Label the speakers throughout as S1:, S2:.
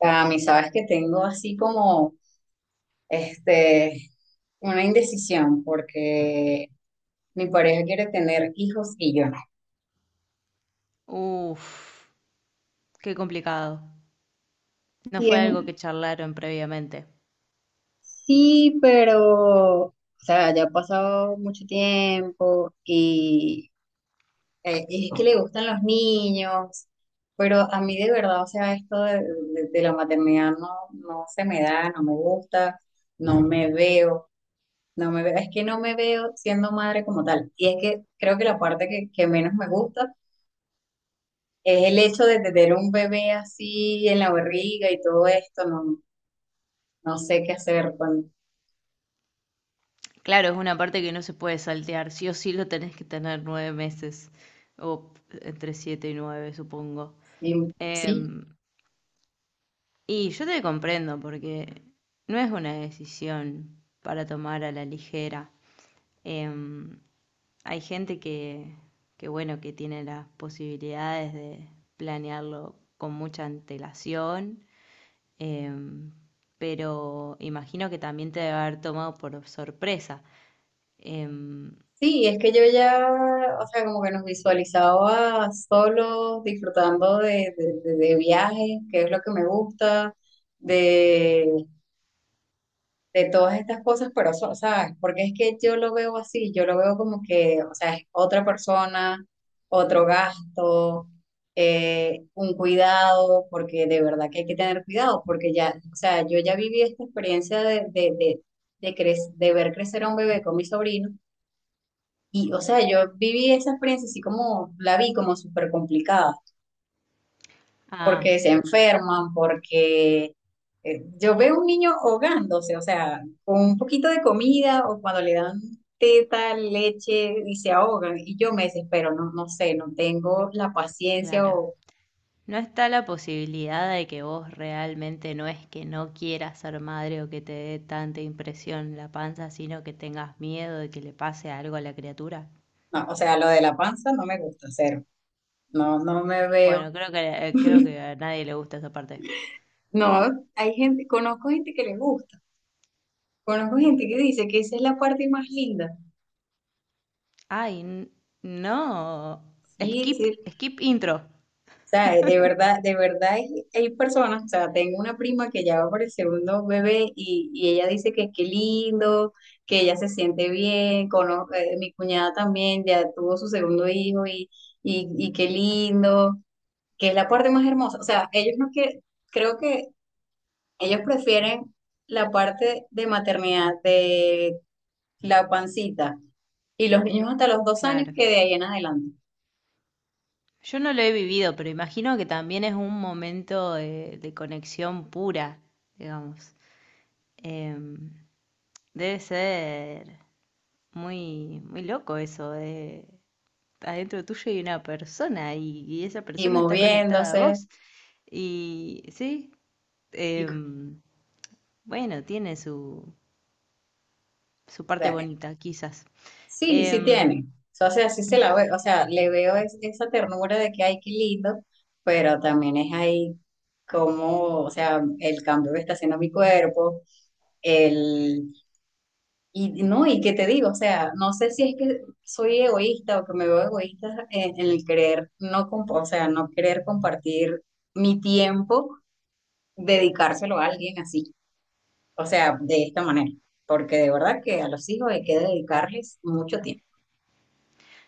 S1: A mí, sabes que tengo así como este, una indecisión porque mi pareja quiere tener hijos y yo no.
S2: Uf, qué complicado. No
S1: Y
S2: fue
S1: es,
S2: algo que charlaron previamente.
S1: sí, pero, o sea, ya ha pasado mucho tiempo y es que le gustan los niños, pero a mí de verdad, o sea, esto de la maternidad no, no se me da, no me gusta, no me veo. No me veo, es que no me veo siendo madre como tal. Y es que creo que la parte que menos me gusta es el hecho de tener un bebé así en la barriga y todo esto. No, no sé qué hacer con.
S2: Claro, es una parte que no se puede saltear. Sí o sí lo tenés que tener 9 meses. O entre 7 y 9, supongo.
S1: Sí,
S2: Em, y yo te comprendo porque no es una decisión para tomar a la ligera. Em, hay gente que, bueno, que tiene las posibilidades de planearlo con mucha antelación. Em, pero imagino que también te debe haber tomado por sorpresa. Em,
S1: sí, es que yo ya, o sea, como que nos visualizaba solos, disfrutando de viajes, que es lo que me gusta, de todas estas cosas, pero, ¿sabes? Porque es que yo lo veo así, yo lo veo como que, o sea, es otra persona, otro gasto, un cuidado, porque de verdad que hay que tener cuidado, porque ya, o sea, yo ya viví esta experiencia de ver crecer a un bebé con mi sobrino, y, o sea, yo viví esa experiencia así como, la vi como súper complicada,
S2: ah,
S1: porque se enferman, porque yo veo un niño ahogándose, o sea, con un poquito de comida o cuando le dan teta, leche y se ahogan. Y yo me desespero, no, no sé, no tengo la paciencia
S2: claro.
S1: o,
S2: ¿No está la posibilidad de que vos realmente no es que no quieras ser madre o que te dé tanta impresión la panza, sino que tengas miedo de que le pase algo a la criatura?
S1: no, o sea, lo de la panza no me gusta, cero. No, no me veo.
S2: Bueno, creo que a nadie le gusta esa parte.
S1: No, hay gente, conozco gente que le gusta, conozco gente que dice que esa es la parte más linda.
S2: Ay, no.
S1: Sí,
S2: Skip,
S1: sí,
S2: skip intro.
S1: sea, de verdad hay personas, o sea, tengo una prima que ya va por el segundo bebé y ella dice que qué lindo, que ella se siente bien, mi cuñada también ya tuvo su segundo hijo y qué lindo, que es la parte más hermosa. O sea, ellos no que, creo que ellos prefieren la parte de maternidad, de la pancita, y los niños hasta los 2 años,
S2: Claro.
S1: que de ahí en adelante,
S2: Yo no lo he vivido, pero imagino que también es un momento de conexión pura, digamos. Em, debe ser muy, muy loco eso de adentro tuyo hay una persona y esa
S1: y
S2: persona está conectada a
S1: moviéndose.
S2: vos. Y sí,
S1: y
S2: em, bueno, tiene su parte bonita, quizás.
S1: Sí, sí
S2: Em,
S1: tiene. O sea, sí se la ve, o sea, le veo esa ternura de que ay, qué lindo, pero también es ahí como, o sea, el cambio que está haciendo mi cuerpo, el, y no, y qué te digo, o sea, no sé si es que soy egoísta o que me veo egoísta en el querer no, o sea, no querer compartir mi tiempo, dedicárselo a alguien así, o sea, de esta manera, porque de verdad que a los hijos hay que dedicarles mucho tiempo.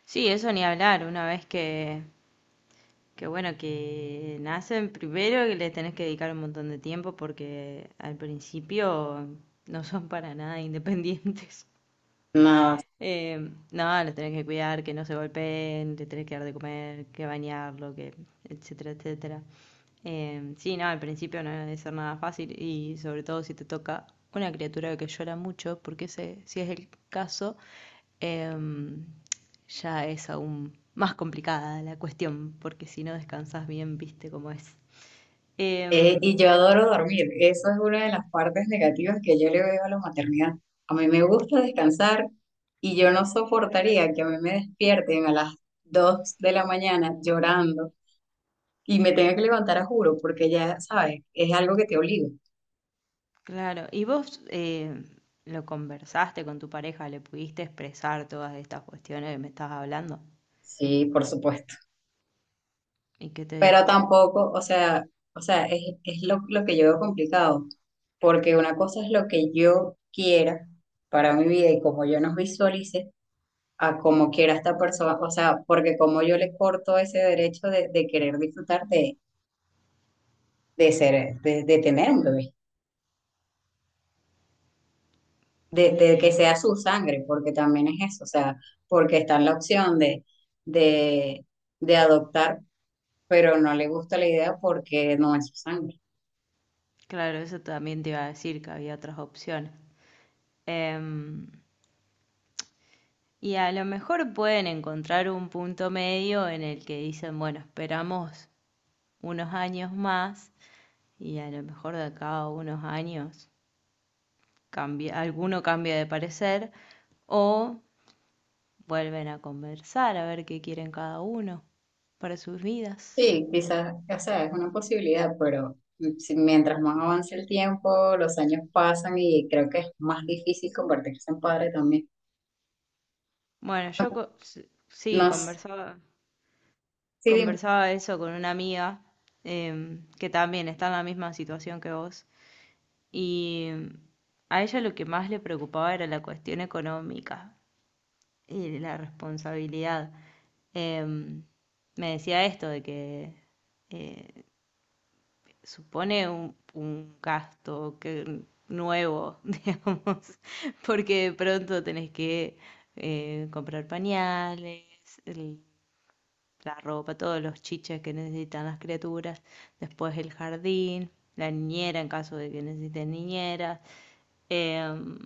S2: sí, eso ni hablar, una vez que bueno, que nacen primero que les tenés que dedicar un montón de tiempo porque al principio no son para nada independientes. Eh, no, los tenés que cuidar, que no se golpeen, les tenés que dar de comer, que bañarlo, que etcétera, etcétera. Sí, no, al principio no debe ser nada fácil y sobre todo si te toca una criatura que llora mucho, porque ese, si es el caso, em, ya es aún más complicada la cuestión, porque si no descansas bien, viste cómo es. Em,
S1: Y yo adoro dormir. Eso es una de las partes negativas que yo le veo a la maternidad. A mí me gusta descansar y yo no soportaría que a mí me despierten a las 2 de la mañana llorando y me tenga que levantar a juro, porque ya sabes, es algo que te obliga.
S2: claro, ¿y vos lo conversaste con tu pareja? ¿Le pudiste expresar todas estas cuestiones que me estabas hablando?
S1: Sí, por supuesto.
S2: ¿Y qué te
S1: Pero
S2: dijo?
S1: tampoco, o sea, es lo que yo veo complicado, porque una cosa es lo que yo quiera para mi vida y como yo nos visualice, a como quiera esta persona, o sea, porque como yo le corto ese derecho de querer disfrutar de ser, de tener un bebé, de que
S2: Y
S1: sea su sangre, porque también es eso, o sea, porque está en la opción de, de adoptar, pero no le gusta la idea porque no es su sangre.
S2: claro, eso también te iba a decir que había otras opciones. Em, y a lo mejor pueden encontrar un punto medio en el que dicen, bueno, esperamos unos años más y a lo mejor de acá a unos años cambia, alguno cambia de parecer o vuelven a conversar a ver qué quieren cada uno para sus vidas.
S1: Sí, quizás, o sea, es una posibilidad, pero mientras más avance el tiempo, los años pasan y creo que es más difícil convertirse en padre también.
S2: Bueno, yo sí,
S1: No sé,
S2: conversaba,
S1: sí, dime.
S2: conversaba eso con una amiga que también está en la misma situación que vos y a ella lo que más le preocupaba era la cuestión económica y la responsabilidad. Em, me decía esto de que eh, supone un gasto que, nuevo, digamos, porque de pronto tenés que comprar pañales, el- la ropa, todos los chiches que necesitan las criaturas, después el jardín, la niñera en caso de que necesiten niñera. Em,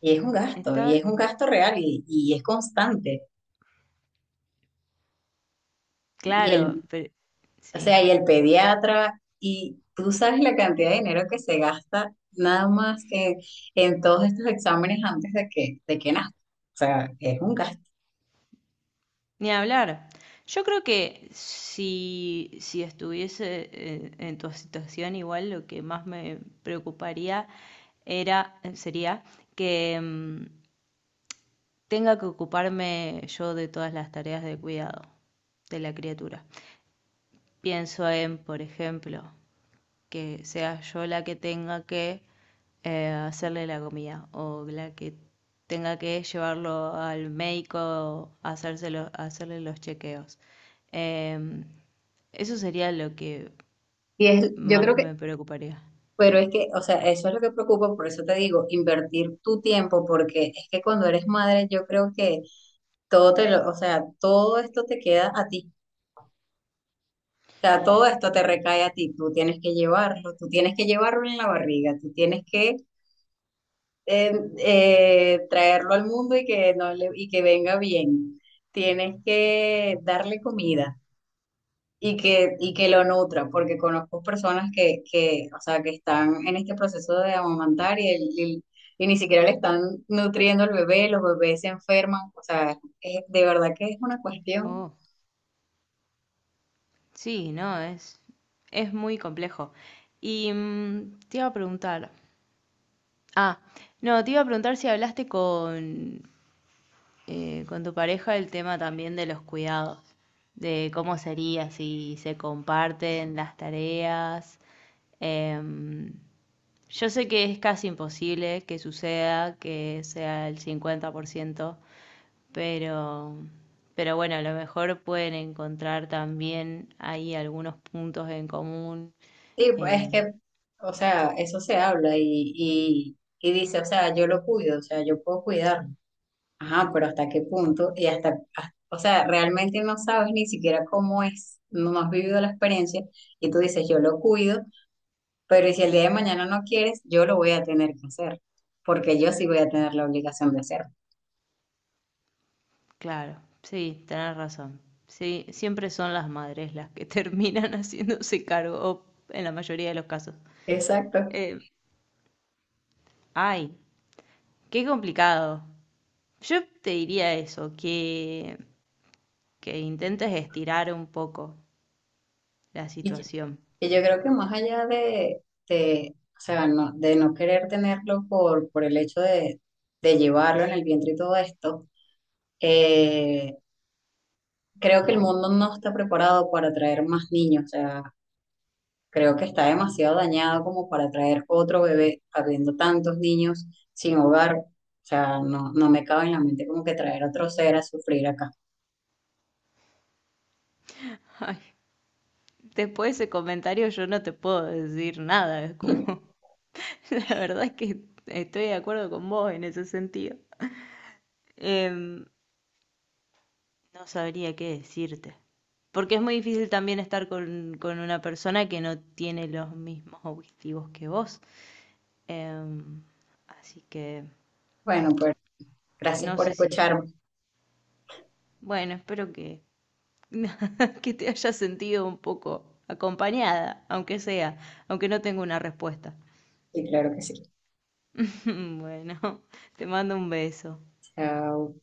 S1: Y es un gasto, y
S2: está
S1: es un gasto real y es constante. Y el,
S2: claro, pero
S1: o
S2: sí.
S1: sea, y el pediatra, y tú sabes la cantidad de dinero que se gasta nada más que en todos estos exámenes antes de que nazca. O sea, es un gasto.
S2: Ni hablar. Yo creo que si estuviese en tu situación, igual lo que más me preocuparía sería que tenga que ocuparme yo de todas las tareas de cuidado de la criatura. Pienso en, por ejemplo, que sea yo la que tenga que hacerle la comida o la que tenga que llevarlo al médico a hacerle los chequeos. Em, eso sería lo que
S1: Y es, yo creo
S2: más
S1: que,
S2: me preocuparía.
S1: Pero es que, o sea, eso es lo que preocupa, por eso te digo, invertir tu tiempo, porque es que cuando eres madre, yo creo que todo te lo, o sea, todo esto te queda a ti, todo esto te recae a ti, tú tienes que llevarlo, tú tienes que llevarlo en la barriga, tú tienes que eh, traerlo al mundo y que, no le- y que venga bien, tienes que darle comida y que lo nutra, porque conozco personas que, o sea, que están en este proceso de amamantar y ni siquiera le están nutriendo al bebé, los bebés se enferman, o sea, de verdad que es una cuestión.
S2: Oh, sí, no, es muy complejo. Y te iba a preguntar, ah, no, te iba a preguntar si hablaste con tu pareja el tema también de los cuidados, de cómo sería si se comparten las tareas. Em, yo sé que es casi imposible que suceda, que sea el 50%, pero, pero bueno, a lo mejor pueden encontrar también ahí algunos puntos en común.
S1: Sí, pues, es
S2: Em,
S1: que, o sea, eso se habla y, y dice, o sea, yo lo cuido, o sea, yo puedo cuidarlo. Ajá, pero ¿hasta qué punto? Y hasta, o sea, realmente no sabes ni siquiera cómo es, no has vivido la experiencia y tú dices, yo lo cuido, pero ¿y si el día de mañana no quieres, yo lo voy a tener que hacer?, porque yo sí voy a tener la obligación de hacerlo.
S2: claro, sí, tenés razón. Sí, siempre son las madres las que terminan haciéndose cargo, o en la mayoría de los casos.
S1: Exacto.
S2: Eh, ay, qué complicado. Yo te diría eso, que intentes estirar un poco la
S1: Y,
S2: situación.
S1: Y yo creo que más allá de, o sea, no, de no querer tenerlo por el hecho de llevarlo en el vientre y todo esto, eh, creo que el mundo no está preparado para traer más niños. O sea, creo que está demasiado dañado como para traer otro bebé, habiendo tantos niños sin hogar. O sea, no, no me cabe en la mente como que traer otro ser a sufrir acá.
S2: Ay, después de ese comentario yo no te puedo decir nada, es como, la verdad es que estoy de acuerdo con vos en ese sentido. Em, no sabría qué decirte, porque es muy difícil también estar con una persona que no tiene los mismos objetivos que vos. Em, así que
S1: Bueno, pues gracias
S2: no
S1: por
S2: sé si,
S1: escucharme.
S2: bueno, espero que Que te haya sentido un poco acompañada, aunque sea, aunque no tengo una respuesta.
S1: Y claro que sí.
S2: Bueno, te mando un beso.
S1: Chao.